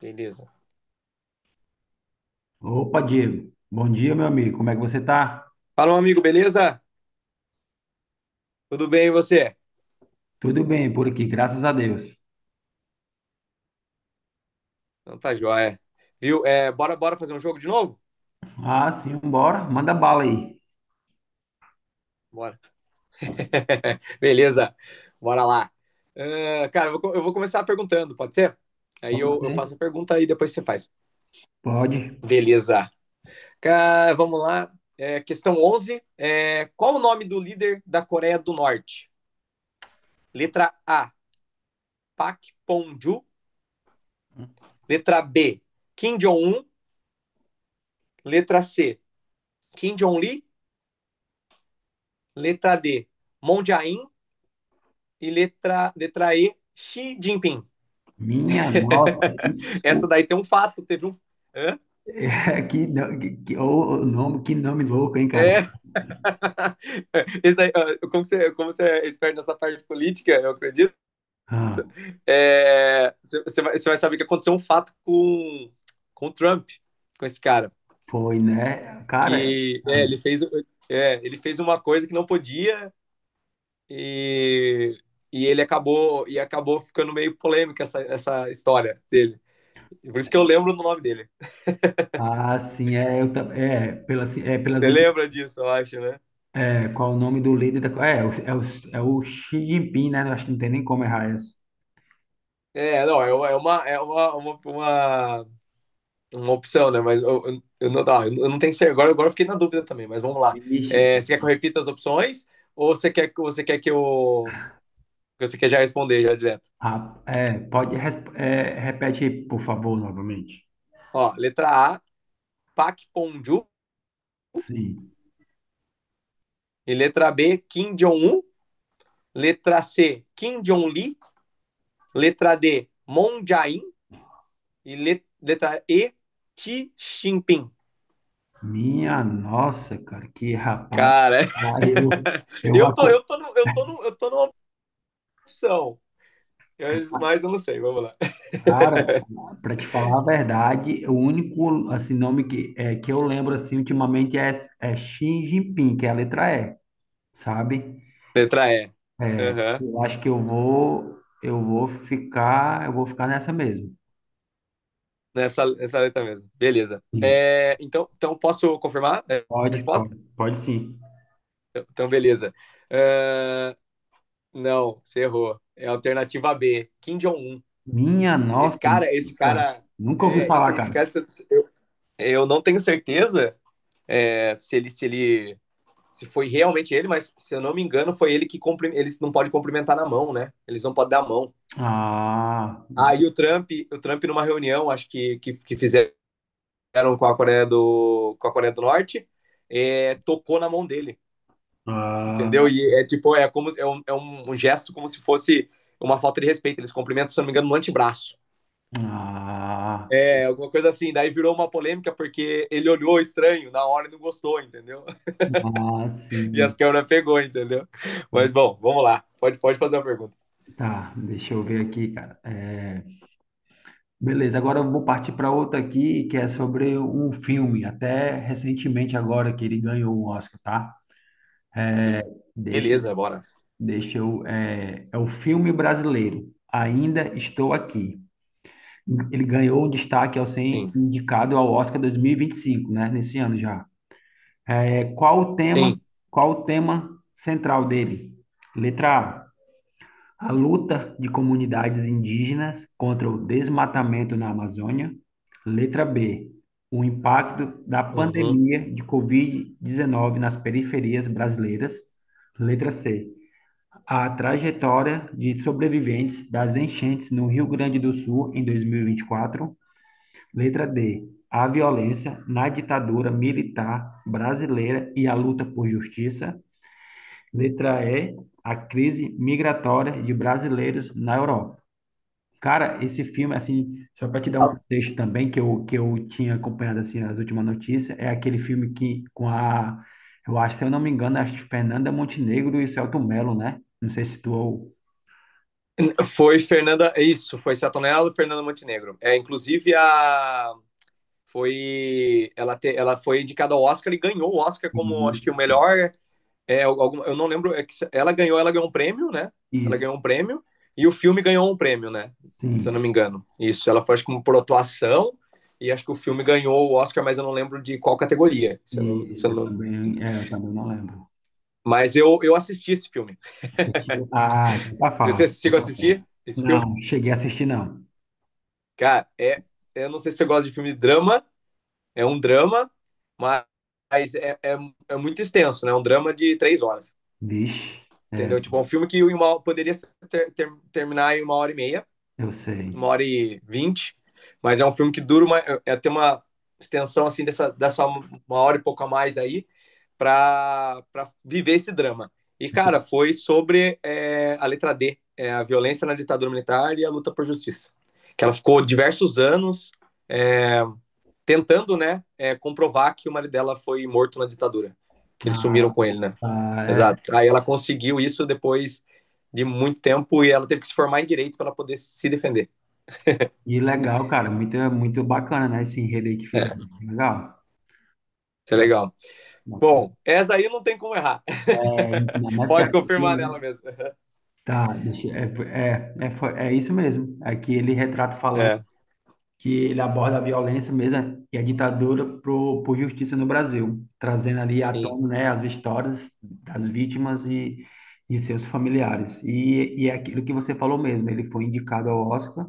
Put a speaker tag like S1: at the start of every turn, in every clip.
S1: Beleza.
S2: Opa, Diego. Bom dia, meu amigo. Como é que você tá?
S1: Fala, um amigo, beleza? Tudo bem e você?
S2: Tudo bem por aqui, graças a Deus.
S1: Então tá joia. Viu? É, bora, bora fazer um jogo de novo?
S2: Ah, sim, bora. Manda bala aí.
S1: Bora. Beleza. Bora lá. Ah, cara, eu vou começar perguntando, pode ser? Aí
S2: Pode
S1: eu
S2: ser?
S1: faço a pergunta e depois você faz.
S2: Pode.
S1: Beleza. Cara, vamos lá. É, questão 11. É, qual o nome do líder da Coreia do Norte? Letra A, Pak Pon-ju. Letra B, Kim Jong-un. Letra C, Kim Jong-li. Letra D, Moon Jae-in. E letra E, Xi Jinping.
S2: Minha nossa,
S1: Essa
S2: isso
S1: daí tem um fato, teve um. Hã?
S2: é que, no- que- ô, ô, nome, que nome louco, hein, cara?
S1: É, esse daí, como você é esperto nessa parte política, eu acredito,
S2: Ah,
S1: é, você vai saber que aconteceu um fato com o Trump, com esse cara,
S2: foi, né? Cara,
S1: que
S2: ah,
S1: é, ele fez uma coisa que não podia e, e acabou ficando meio polêmica essa história dele. Por isso que eu lembro do nome dele.
S2: ah, sim, é, eu, tam- é, pelas
S1: Você
S2: últimas,
S1: lembra disso, eu acho, né?
S2: é, qual o nome do líder da, é, o- é, o, é o Xi Jinping, né? Eu acho que não tem nem como errar essa.
S1: É, não, é uma opção, né? Mas eu não tenho certeza. Agora, eu fiquei na dúvida também, mas vamos lá.
S2: Vixe.
S1: É, você quer que eu repita as opções ou você quer que eu. Que você quer já responder já direto?
S2: Ah, é, pode, é, repete aí, por favor, novamente.
S1: Ó, letra A, Pak Ponju.
S2: Sim.
S1: E letra B, Kim Jong-un. Letra C, Kim Jong-li. Letra D, Moon Jae-in. E letra E, Xi Jinping.
S2: Minha nossa, cara, que rapaz.
S1: Cara,
S2: Ah, Eu, eu, aco-
S1: eu tô, no, eu tô, no, eu tô numa opção. Mas eu não sei, vamos lá.
S2: Cara, para te falar a verdade, o único assim, que eu lembro assim, ultimamente é Xi Jinping, que é a letra E, sabe?
S1: Letra E. Aham.
S2: Eu acho que eu vou ficar, Eu vou ficar nessa mesmo.
S1: Nessa letra mesmo. Beleza.
S2: Sim.
S1: É, então, posso confirmar a
S2: Pode, pode,
S1: resposta?
S2: pode sim.
S1: Então, beleza. É, não, você errou. É a alternativa B, Kim Jong-un.
S2: Minha
S1: Esse
S2: nossa,
S1: cara, esse
S2: nunca,
S1: cara.
S2: nunca ouvi
S1: É, esse,
S2: falar,
S1: esse
S2: cara.
S1: cara, se- se- eu, eu não tenho certeza é, se ele se foi realmente ele, mas se eu não me engano, foi ele que cumpri- eles não podem cumprimentar na mão, né? Eles não podem dar a mão.
S2: Ah,
S1: Aí o Trump numa reunião, acho que fizeram com a Coreia do Norte, é, tocou na mão dele, entendeu?
S2: ah,
S1: E é tipo, é como é um, é um gesto como se fosse uma falta de respeito. Eles cumprimentam, se não me engano, no antebraço.
S2: ah,
S1: É, alguma coisa assim. Daí virou uma polêmica porque ele olhou estranho na hora e não gostou, entendeu?
S2: ah,
S1: E as
S2: sim.
S1: câmeras pegou, entendeu? Mas bom, vamos lá. Pode, pode fazer a pergunta.
S2: Tá, deixa eu ver aqui, cara. É, beleza, agora eu vou partir para outra aqui, que é sobre um filme, até recentemente agora que ele ganhou o Oscar, tá? Deixa,
S1: Beleza, bora.
S2: É o filme brasileiro, Ainda Estou Aqui. Ele ganhou o destaque ao ser
S1: Sim,
S2: indicado ao Oscar dois mil e vinte e cinco, né? Nesse ano já. É qual o tema,
S1: sim.
S2: qual o tema central dele? Letra A, a luta de comunidades indígenas contra o desmatamento na Amazônia. Letra B, o impacto da
S1: Uhum.
S2: pandemia de Covid-19 nas periferias brasileiras. Letra C, a trajetória de sobreviventes das enchentes no Rio Grande do Sul em 2024. Letra D, a violência na ditadura militar brasileira e a luta por justiça. Letra E, a crise migratória de brasileiros na Europa. Cara, esse filme, assim, só para te dar um contexto também, que eu tinha acompanhado, assim, as últimas notícias, é aquele filme eu acho, se eu não me engano, acho que Fernanda Montenegro e o Selton Mello, né? Não sei se tu...
S1: Foi Fernanda, isso, foi Satonello e Fernanda Montenegro. É, inclusive a foi ela, te, ela foi indicada ao Oscar e ganhou o Oscar como acho que o
S2: Isso,
S1: melhor é algum, eu não lembro é que ela ganhou um prêmio, né? Ela
S2: isso,
S1: ganhou um prêmio e o filme ganhou um prêmio, né? Se eu não
S2: sim.
S1: me engano, isso ela foi acho que por atuação, e acho que o filme ganhou o Oscar, mas eu não lembro de qual categoria, se
S2: Isso,
S1: eu
S2: eu
S1: não...
S2: também, é, eu também não lembro.
S1: Mas eu assisti esse filme.
S2: Assistiu? Ah, então tá
S1: Você
S2: fácil, então
S1: chegou a
S2: tá
S1: assistir
S2: fácil.
S1: esse filme.
S2: Não, cheguei a assistir, não.
S1: Cara, é, eu não sei se você gosta de filme de drama. É um drama, mas é, é, é muito extenso, né? É um drama de 3 horas.
S2: Vixe, é,
S1: Entendeu? Tipo, é um filme que uma, poderia terminar em uma hora e meia,
S2: eu
S1: uma
S2: sei.
S1: hora e vinte, mas é um filme que dura uma. É, tem uma extensão assim dessa, uma hora e pouco a mais aí para viver esse drama. E, cara, foi sobre é, a letra D, é, a violência na ditadura militar e a luta por justiça. Que ela ficou diversos anos é, tentando, né, é, comprovar que o marido dela foi morto na ditadura. Que eles
S2: Ah,
S1: sumiram com ele, né?
S2: ah, é,
S1: Exato. Aí ela conseguiu isso depois de muito tempo e ela teve que se formar em direito para poder se defender.
S2: e legal, cara, muito, muito bacana, né, esse enredo aí que
S1: É,
S2: fizemos. Legal?
S1: isso é
S2: Tá,
S1: legal.
S2: bacana.
S1: Bom, essa aí não tem como errar.
S2: É, ainda mais que
S1: Pode
S2: assistir,
S1: confirmar nela
S2: né?
S1: mesmo.
S2: Tá, deixa, é, é, é, foi- é Isso mesmo. Aqui ele retrata falando
S1: É,
S2: que ele aborda a violência mesmo né, e a ditadura pro, por justiça no Brasil, trazendo ali à
S1: sim,
S2: tona, né, as histórias das vítimas e de seus familiares. E é aquilo que você falou mesmo, ele foi indicado ao Oscar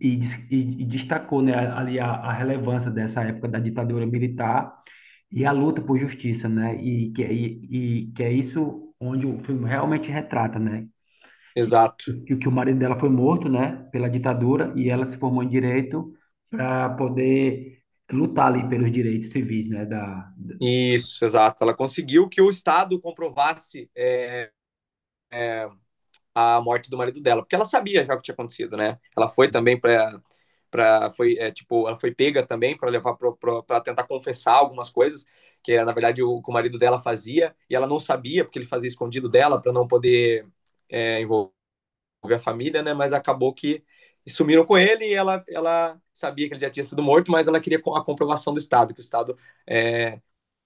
S2: e destacou, né, ali a relevância dessa época da ditadura militar e a luta por justiça, né, e que é isso onde o filme realmente retrata, né, que,
S1: exato.
S2: que o marido dela foi morto, né, pela ditadura e ela se formou em direito para poder lutar ali pelos direitos civis, né,
S1: Isso, exato. Ela conseguiu que o Estado comprovasse é, a morte do marido dela, porque ela sabia já o que tinha acontecido, né? Ela foi também para para foi é, tipo ela foi pega também para levar para tentar confessar algumas coisas que na verdade o marido dela fazia e ela não sabia porque ele fazia escondido dela para não poder é, envolver a família, né? Mas acabou que sumiram com ele, e ela ela sabia que ele já tinha sido morto, mas ela queria a comprovação do estado, que o estado é,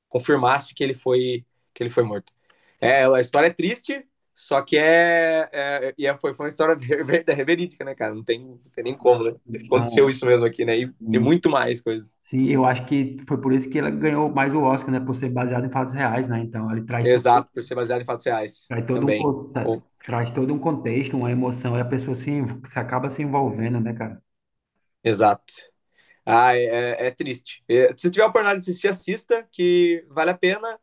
S1: confirmasse que ele foi morto. É, a história é triste, só que é, é, é foi, foi uma história verídica, né, cara? Não tem, não tem nem como, né? Aconteceu
S2: então,
S1: isso mesmo aqui, né? E
S2: sim,
S1: muito mais coisas.
S2: sim, eu acho que foi por isso que ela ganhou mais o Oscar, né, por ser baseado em fatos reais, né, então ele traz todo
S1: Exato, por ser baseado em fatos reais
S2: Traz todo um,
S1: também.
S2: con- tra-
S1: Bom,
S2: traz todo um contexto, uma emoção, e a pessoa se, env- se acaba se envolvendo, né, cara?
S1: exato. Ah, é, é é triste. É, se tiver a oportunidade de assistir, assista, que vale a pena.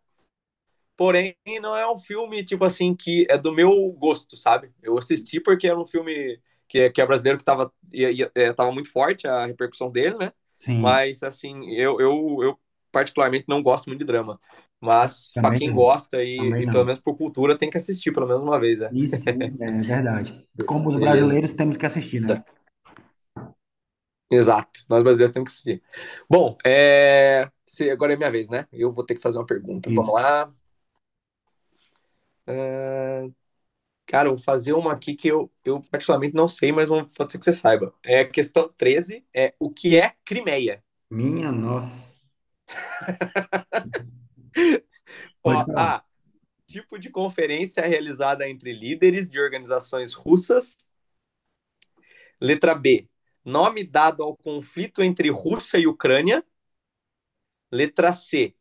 S1: Porém, não é um filme, tipo assim, que é do meu gosto, sabe? Eu assisti porque era um filme que é brasileiro que tava, tava muito forte a repercussão dele, né?
S2: Sim,
S1: Mas, assim, eu particularmente não gosto muito de drama. Mas, pra
S2: também
S1: quem
S2: não.
S1: gosta
S2: Também
S1: e pelo
S2: não.
S1: menos por cultura, tem que assistir pelo menos uma vez, né?
S2: E sim, é verdade. Como os
S1: Beleza.
S2: brasileiros temos que assistir, né?
S1: Exato. Nós brasileiros temos que assistir. Bom, é... se- agora é minha vez, né? Eu vou ter que fazer uma pergunta. Vamos
S2: Isso.
S1: lá. Cara, eu vou fazer uma aqui que eu particularmente não sei, mas vou- pode ser que você saiba. É a questão 13. É o que é Crimeia?
S2: Minha nossa. Pode
S1: Ó,
S2: falar.
S1: A, tipo de conferência realizada entre líderes de organizações russas. Letra B, nome dado ao conflito entre Rússia e Ucrânia. Letra C,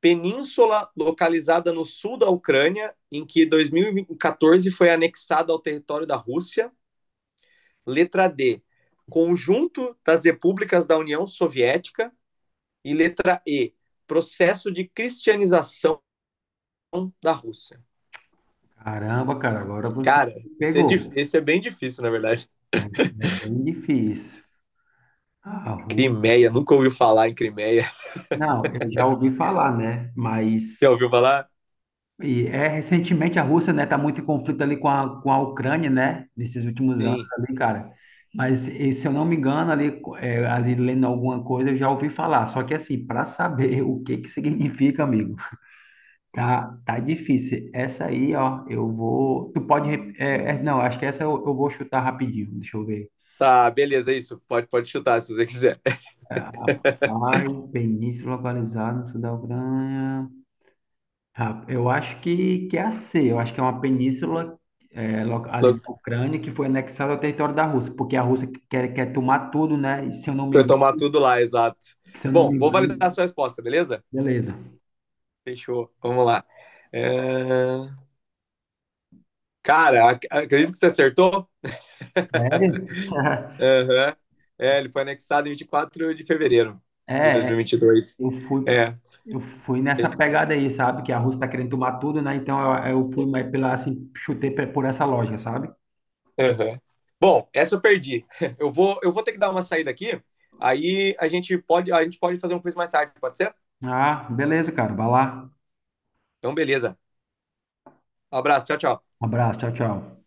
S1: península localizada no sul da Ucrânia, em que 2014 foi anexada ao território da Rússia. Letra D, conjunto das repúblicas da União Soviética. E letra E, processo de cristianização da Rússia.
S2: Caramba, cara, agora você
S1: Cara,
S2: me pegou.
S1: isso é bem difícil, na verdade.
S2: Isso é bem difícil. A Rússia.
S1: Crimeia, nunca ouviu falar em Crimeia.
S2: Não, eu já ouvi falar, né?
S1: Já
S2: Mas
S1: ouviu falar?
S2: e é, recentemente a Rússia, né, tá muito em conflito ali com a Ucrânia, né, nesses últimos anos
S1: Sim.
S2: ali, cara. Mas e, se eu não me engano, ali, é, ali lendo alguma coisa, eu já ouvi falar. Só que assim, para saber o que que significa, amigo, tá, tá difícil. Essa aí, ó, eu vou. Tu pode. Rep- É, é, não, acho que essa eu vou chutar rapidinho. Deixa eu ver.
S1: Tá, beleza, é isso. Pode, pode chutar se você quiser.
S2: É, ai, península localizada no sul da Ucrânia. Que é a C, eu acho que é uma península ali
S1: Eu
S2: da Ucrânia que foi anexada ao território da Rússia, porque a Rússia quer tomar tudo, né? E se eu não me engano,
S1: tomar tudo lá, exato.
S2: se eu não
S1: Bom,
S2: me
S1: vou validar a
S2: engano,
S1: sua resposta, beleza?
S2: beleza.
S1: Fechou. Vamos lá. É, cara, ac- acredito que você acertou.
S2: Sério?
S1: Aham. É, ele foi anexado em 24 de fevereiro de dois
S2: É,
S1: mil
S2: é,
S1: e vinte e dois.
S2: eu fui,
S1: É,
S2: eu fui nessa pegada aí, sabe? Que a Rússia tá querendo tomar tudo, né? Então eu fui mais pela, assim, por essa lógica, sabe?
S1: aham. Bom, essa eu perdi. Eu vou ter que dar uma saída aqui. Aí a gente pode fazer um quiz mais tarde, pode ser?
S2: Ah, beleza, cara, vai lá.
S1: Então, beleza. Um abraço, tchau, tchau.
S2: Um abraço, tchau, tchau.